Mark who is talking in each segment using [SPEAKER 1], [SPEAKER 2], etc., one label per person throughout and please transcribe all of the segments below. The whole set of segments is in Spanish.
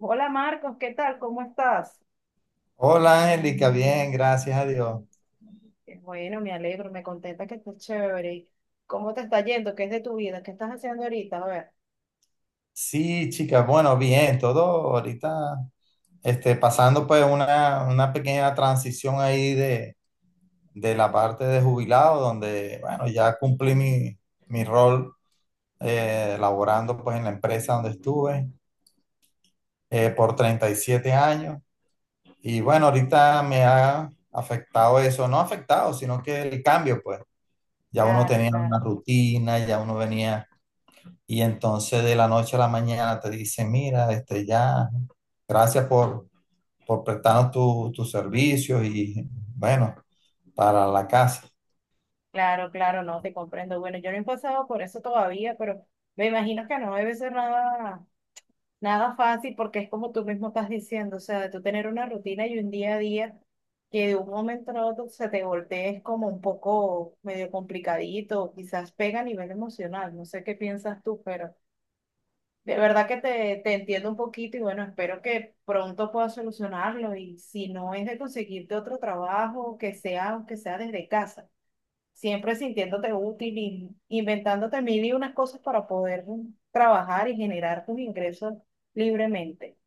[SPEAKER 1] Hola Marcos, ¿qué tal? ¿Cómo estás?
[SPEAKER 2] Hola Angélica, bien, gracias a Dios.
[SPEAKER 1] Bueno, me alegro, me contenta que estés chévere. ¿Cómo te está yendo? ¿Qué es de tu vida? ¿Qué estás haciendo ahorita? A ver.
[SPEAKER 2] Sí, chicas, bueno, bien, todo ahorita pasando pues una pequeña transición ahí de la parte de jubilado, donde, bueno, ya cumplí mi rol laborando pues en la empresa donde estuve por 37 años. Y bueno, ahorita me ha afectado eso, no afectado, sino que el cambio pues, ya uno
[SPEAKER 1] Claro,
[SPEAKER 2] tenía una
[SPEAKER 1] claro,
[SPEAKER 2] rutina, ya uno venía. Y entonces de la noche a la mañana te dice, mira, ya, gracias por prestarnos tus servicios y bueno, para la casa.
[SPEAKER 1] claro, claro, no te comprendo. Bueno, yo no he pasado por eso todavía, pero me imagino que no debe ser nada, nada fácil porque es como tú mismo estás diciendo, o sea, de tú tener una rutina y un día a día que de un momento a otro se te voltee es como un poco medio complicadito, quizás pega a nivel emocional, no sé qué piensas tú, pero... De verdad que te entiendo un poquito y bueno, espero que pronto puedas solucionarlo y si no es de conseguirte otro trabajo, que sea, aunque sea desde casa, siempre sintiéndote útil y inventándote mil y unas cosas para poder trabajar y generar tus ingresos libremente.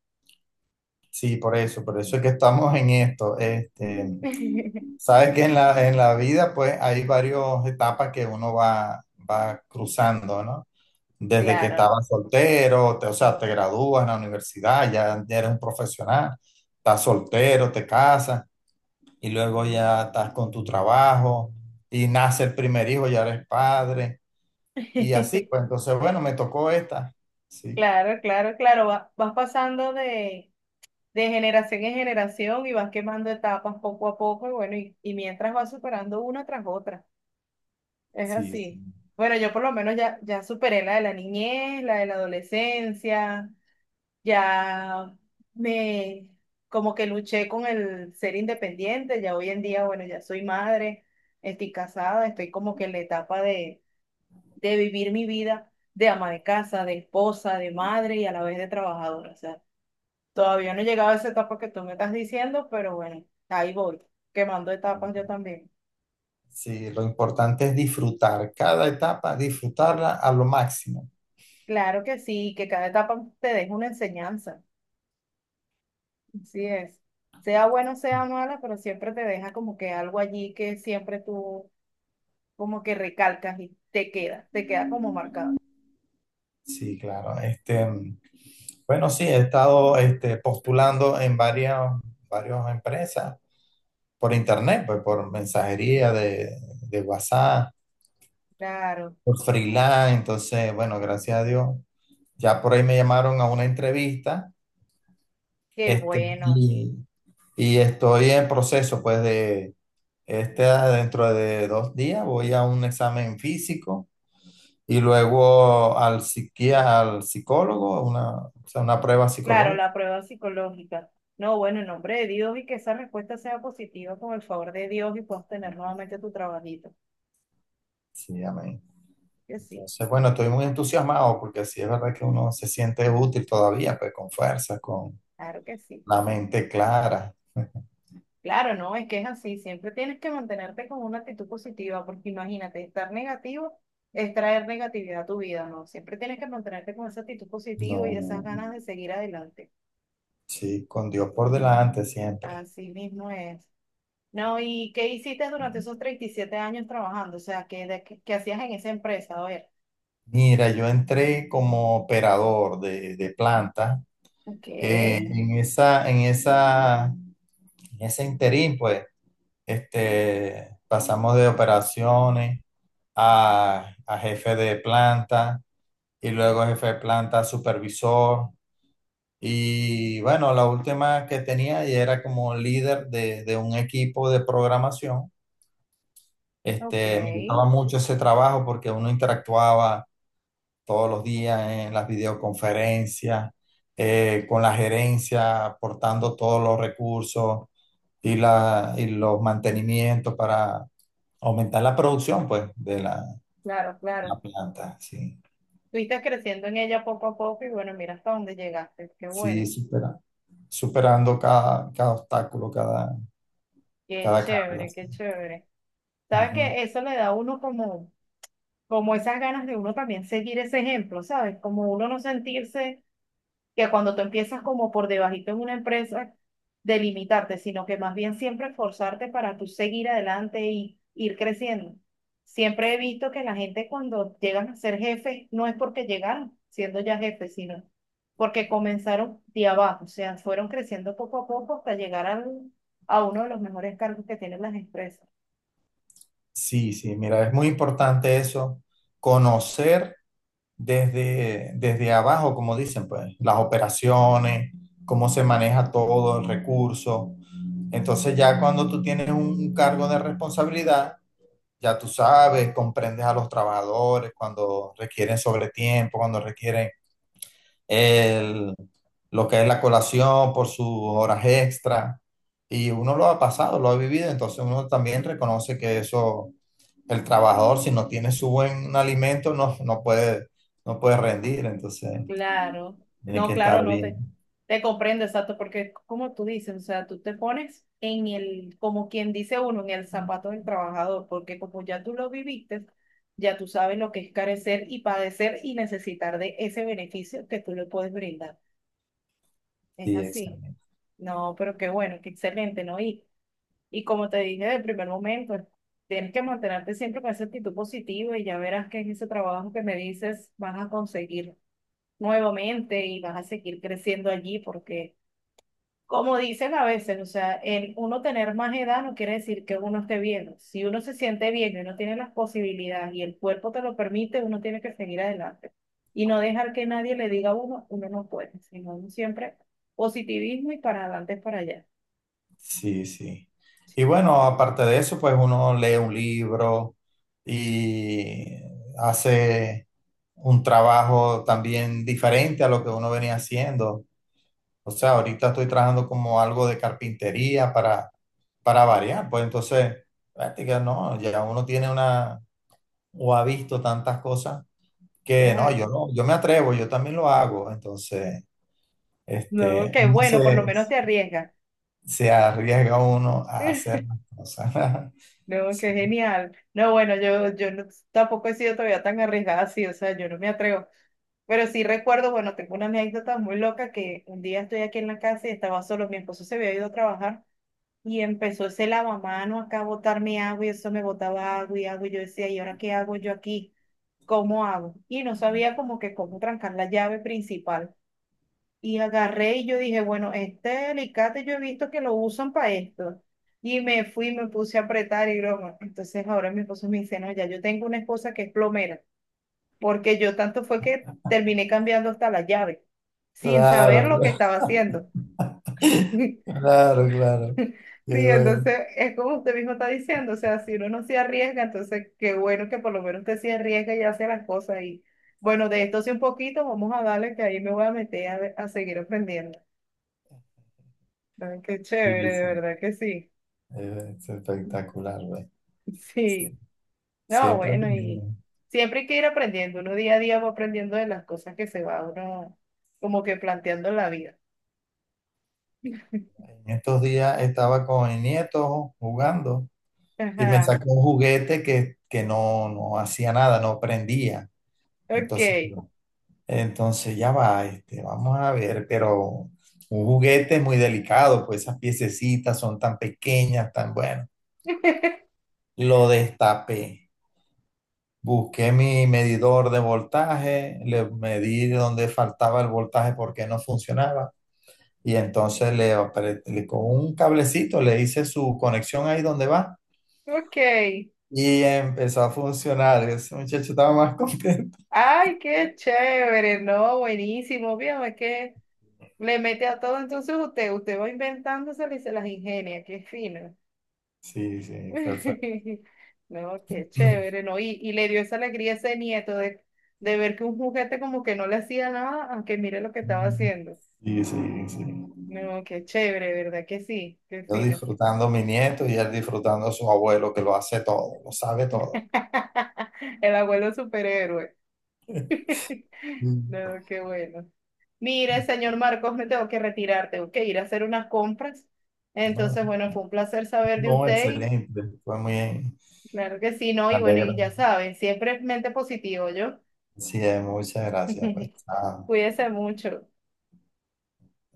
[SPEAKER 2] Sí, por eso es que estamos en esto. Sabes que en la vida pues hay varias etapas que uno va cruzando, ¿no? Desde que
[SPEAKER 1] Claro,
[SPEAKER 2] estabas soltero, o sea, te gradúas en la universidad, ya, ya eres un profesional, estás soltero, te casas, y luego ya estás con tu trabajo y nace el primer hijo, ya eres padre y así, pues entonces, bueno, me tocó esta. Sí,
[SPEAKER 1] claro, claro, claro, vas pasando de generación en generación y vas quemando etapas poco a poco y bueno, y mientras vas superando una tras otra. Es
[SPEAKER 2] sí, sí.
[SPEAKER 1] así. Bueno, yo por lo menos ya, ya superé la de la niñez, la de la adolescencia, ya me como que luché con el ser independiente, ya hoy en día, bueno, ya soy madre, estoy casada, estoy como que en la etapa de vivir mi vida de ama de casa, de esposa, de madre y a la vez de trabajadora. O sea, todavía no he llegado a esa etapa que tú me estás diciendo, pero bueno, ahí voy, quemando etapas yo también.
[SPEAKER 2] Sí, lo importante es disfrutar cada etapa, disfrutarla a lo máximo.
[SPEAKER 1] Claro que sí, que cada etapa te deja una enseñanza. Así es. Sea bueno, sea mala, pero siempre te deja como que algo allí que siempre tú como que recalcas y te queda como marcado.
[SPEAKER 2] Sí, claro. Bueno, sí, he estado postulando en varias empresas por internet, pues por mensajería de WhatsApp,
[SPEAKER 1] Claro,
[SPEAKER 2] por freelance. Entonces, bueno, gracias a Dios. Ya por ahí me llamaron a una entrevista.
[SPEAKER 1] qué
[SPEAKER 2] Este,
[SPEAKER 1] bueno.
[SPEAKER 2] y, y estoy en proceso, pues, de dentro de 2 días voy a un examen físico y luego al al psicólogo, o sea, una prueba
[SPEAKER 1] Claro,
[SPEAKER 2] psicológica.
[SPEAKER 1] la prueba psicológica. No, bueno, en nombre de Dios y que esa respuesta sea positiva con el favor de Dios y puedas tener nuevamente tu trabajito.
[SPEAKER 2] Sí, amén.
[SPEAKER 1] Que sí,
[SPEAKER 2] Entonces, bueno, estoy muy entusiasmado porque sí es verdad que uno se siente útil todavía, pues, con fuerza, con
[SPEAKER 1] claro que sí.
[SPEAKER 2] la mente clara.
[SPEAKER 1] Claro, no, es que es así, siempre tienes que mantenerte con una actitud positiva, porque imagínate, estar negativo es traer negatividad a tu vida, ¿no? Siempre tienes que mantenerte con esa actitud
[SPEAKER 2] No,
[SPEAKER 1] positiva y esas
[SPEAKER 2] no,
[SPEAKER 1] ganas de seguir adelante.
[SPEAKER 2] sí, con Dios por delante siempre.
[SPEAKER 1] Así mismo es. No, ¿y qué hiciste durante esos 37 años trabajando? O sea, ¿qué hacías en esa empresa? A ver.
[SPEAKER 2] Mira, yo entré como operador de planta.
[SPEAKER 1] Ok,
[SPEAKER 2] En ese interín, pues, pasamos de operaciones a jefe de planta y luego jefe de planta a supervisor. Y bueno, la última que tenía y era como líder de un equipo de programación.
[SPEAKER 1] ok,
[SPEAKER 2] Me gustaba mucho ese trabajo porque uno interactuaba todos los días en las videoconferencias, con la gerencia, aportando todos los recursos y los mantenimientos para aumentar la producción, pues, de la,
[SPEAKER 1] claro,
[SPEAKER 2] la
[SPEAKER 1] claro.
[SPEAKER 2] planta, sí.
[SPEAKER 1] Fuiste creciendo en ella poco a poco y bueno, mira hasta dónde llegaste, qué
[SPEAKER 2] Sí,
[SPEAKER 1] bueno,
[SPEAKER 2] superando cada obstáculo, cada,
[SPEAKER 1] qué
[SPEAKER 2] cada carga.
[SPEAKER 1] chévere,
[SPEAKER 2] Sí.
[SPEAKER 1] qué chévere. Sabes
[SPEAKER 2] Ujú.
[SPEAKER 1] que eso le da a uno como esas ganas de uno también seguir ese ejemplo, ¿sabes? Como uno no sentirse que cuando tú empiezas como por debajito en una empresa, delimitarte, sino que más bien siempre esforzarte para tú seguir adelante y ir creciendo. Siempre he visto que la gente cuando llegan a ser jefes no es porque llegaron siendo ya jefes, sino porque comenzaron de abajo, o sea, fueron creciendo poco a poco hasta a uno de los mejores cargos que tienen las empresas.
[SPEAKER 2] Sí, sí, mira, es muy importante eso, conocer desde abajo, como dicen, pues, las operaciones, cómo se maneja todo el recurso. Entonces ya cuando tú tienes un cargo de responsabilidad, ya tú sabes, comprendes a los trabajadores cuando requieren sobretiempo, cuando requieren el, lo que es la colación por sus horas extra. Y uno lo ha pasado, lo ha vivido, entonces uno también reconoce que eso el trabajador, si no tiene su buen alimento, no puede rendir, entonces
[SPEAKER 1] Claro,
[SPEAKER 2] tiene
[SPEAKER 1] no,
[SPEAKER 2] que
[SPEAKER 1] claro,
[SPEAKER 2] estar
[SPEAKER 1] no te,
[SPEAKER 2] bien.
[SPEAKER 1] te comprendo, exacto, porque como tú dices, o sea, tú te pones en el, como quien dice uno, en el zapato del trabajador, porque como ya tú lo viviste, ya tú sabes lo que es carecer y padecer y necesitar de ese beneficio que tú le puedes brindar. Es
[SPEAKER 2] Sí,
[SPEAKER 1] así.
[SPEAKER 2] exactamente.
[SPEAKER 1] No, pero qué bueno, qué excelente, ¿no? Y como te dije del primer momento, tienes que mantenerte siempre con esa actitud positiva y ya verás que en ese trabajo que me dices vas a conseguir nuevamente y vas a seguir creciendo allí porque, como dicen a veces, o sea, el uno tener más edad no quiere decir que uno esté bien. Si uno se siente bien y uno tiene las posibilidades y el cuerpo te lo permite, uno tiene que seguir adelante y no dejar que nadie le diga a uno, uno no puede, sino uno siempre positivismo y para adelante es para allá.
[SPEAKER 2] Sí, sí. Y
[SPEAKER 1] Sí, no,
[SPEAKER 2] bueno, aparte de eso, pues uno lee un libro y hace un trabajo también diferente a lo que uno venía haciendo. O sea, ahorita estoy trabajando como algo de carpintería para variar. Pues entonces, práctica, no, ya uno tiene una, o ha visto tantas cosas que no, yo
[SPEAKER 1] claro.
[SPEAKER 2] no, yo me atrevo, yo también lo hago. Entonces,
[SPEAKER 1] No, qué
[SPEAKER 2] uno
[SPEAKER 1] bueno, por lo
[SPEAKER 2] se,
[SPEAKER 1] menos te arriesgas.
[SPEAKER 2] se arriesga uno a hacer las cosas.
[SPEAKER 1] No,
[SPEAKER 2] Sí,
[SPEAKER 1] qué genial. No, bueno, yo, tampoco he sido todavía tan arriesgada así, o sea, yo no me atrevo. Pero sí recuerdo, bueno, tengo una anécdota muy loca que un día estoy aquí en la casa y estaba solo, mi esposo se había ido a trabajar y empezó ese lavamano acá a botarme agua y eso me botaba agua y agua y yo decía, ¿y ahora qué hago yo aquí? ¿Cómo hago? Y no sabía como que cómo trancar la llave principal. Y agarré y yo dije, bueno, este alicate yo he visto que lo usan para esto. Y me fui, me puse a apretar y broma. Entonces ahora mi esposo me dice, no, ya yo tengo una esposa que es plomera porque yo tanto fue que terminé cambiando hasta la llave, sin saber
[SPEAKER 2] claro,
[SPEAKER 1] lo que
[SPEAKER 2] claro,
[SPEAKER 1] estaba haciendo.
[SPEAKER 2] claro, claro. Qué
[SPEAKER 1] Sí,
[SPEAKER 2] bueno.
[SPEAKER 1] entonces es como usted mismo está diciendo, o sea, si uno no se arriesga, entonces qué bueno que por lo menos usted se arriesga y hace las cosas. Y bueno, de esto sí un poquito, vamos a darle que ahí me voy a meter a, a seguir aprendiendo. Ay, qué
[SPEAKER 2] Sí,
[SPEAKER 1] chévere, de
[SPEAKER 2] sí,
[SPEAKER 1] verdad que sí.
[SPEAKER 2] es espectacular, güey. Sí,
[SPEAKER 1] Sí, no,
[SPEAKER 2] siempre lo
[SPEAKER 1] bueno, y
[SPEAKER 2] mismo.
[SPEAKER 1] siempre hay que ir aprendiendo, uno día a día va aprendiendo de las cosas que se va uno como que planteando en la vida.
[SPEAKER 2] En estos días estaba con mi nieto jugando y me
[SPEAKER 1] Ajá.
[SPEAKER 2] sacó un juguete que no hacía nada, no prendía.
[SPEAKER 1] Ok,
[SPEAKER 2] Entonces, Entonces ya va, vamos a ver, pero un juguete es muy delicado, pues esas piececitas son tan pequeñas, tan bueno. Lo destapé, busqué mi medidor de voltaje, le medí donde faltaba el voltaje porque no funcionaba y entonces con un cablecito le hice su conexión ahí donde va
[SPEAKER 1] ok.
[SPEAKER 2] y empezó a funcionar. Ese muchacho estaba más contento.
[SPEAKER 1] Ay, qué chévere, no, buenísimo. Fíjame que le mete a todo, entonces usted va inventándosela y se las ingenia, qué fino.
[SPEAKER 2] Sí, sí, perfecto.
[SPEAKER 1] No, qué chévere, no. Y le dio esa alegría a ese nieto de ver que un juguete como que no le hacía nada, aunque mire lo que estaba haciendo.
[SPEAKER 2] Sí, sí, sí.
[SPEAKER 1] No, qué chévere, ¿verdad que sí? Qué
[SPEAKER 2] Yo
[SPEAKER 1] fino.
[SPEAKER 2] disfrutando a mi nieto y él disfrutando a su abuelo que lo hace todo, lo sabe todo.
[SPEAKER 1] El abuelo superhéroe.
[SPEAKER 2] Mm.
[SPEAKER 1] No, qué bueno. Mire, señor Marcos, me tengo que retirar, tengo que ir a hacer unas compras.
[SPEAKER 2] No,
[SPEAKER 1] Entonces, bueno, fue un placer saber de
[SPEAKER 2] no,
[SPEAKER 1] usted y
[SPEAKER 2] excelente. Fue muy bien.
[SPEAKER 1] claro que sí, ¿no?
[SPEAKER 2] Me
[SPEAKER 1] Y bueno, y
[SPEAKER 2] alegra.
[SPEAKER 1] ya saben, siempre es mente positivo, yo.
[SPEAKER 2] Sí, muchas gracias, pues. Ah.
[SPEAKER 1] Cuídese mucho.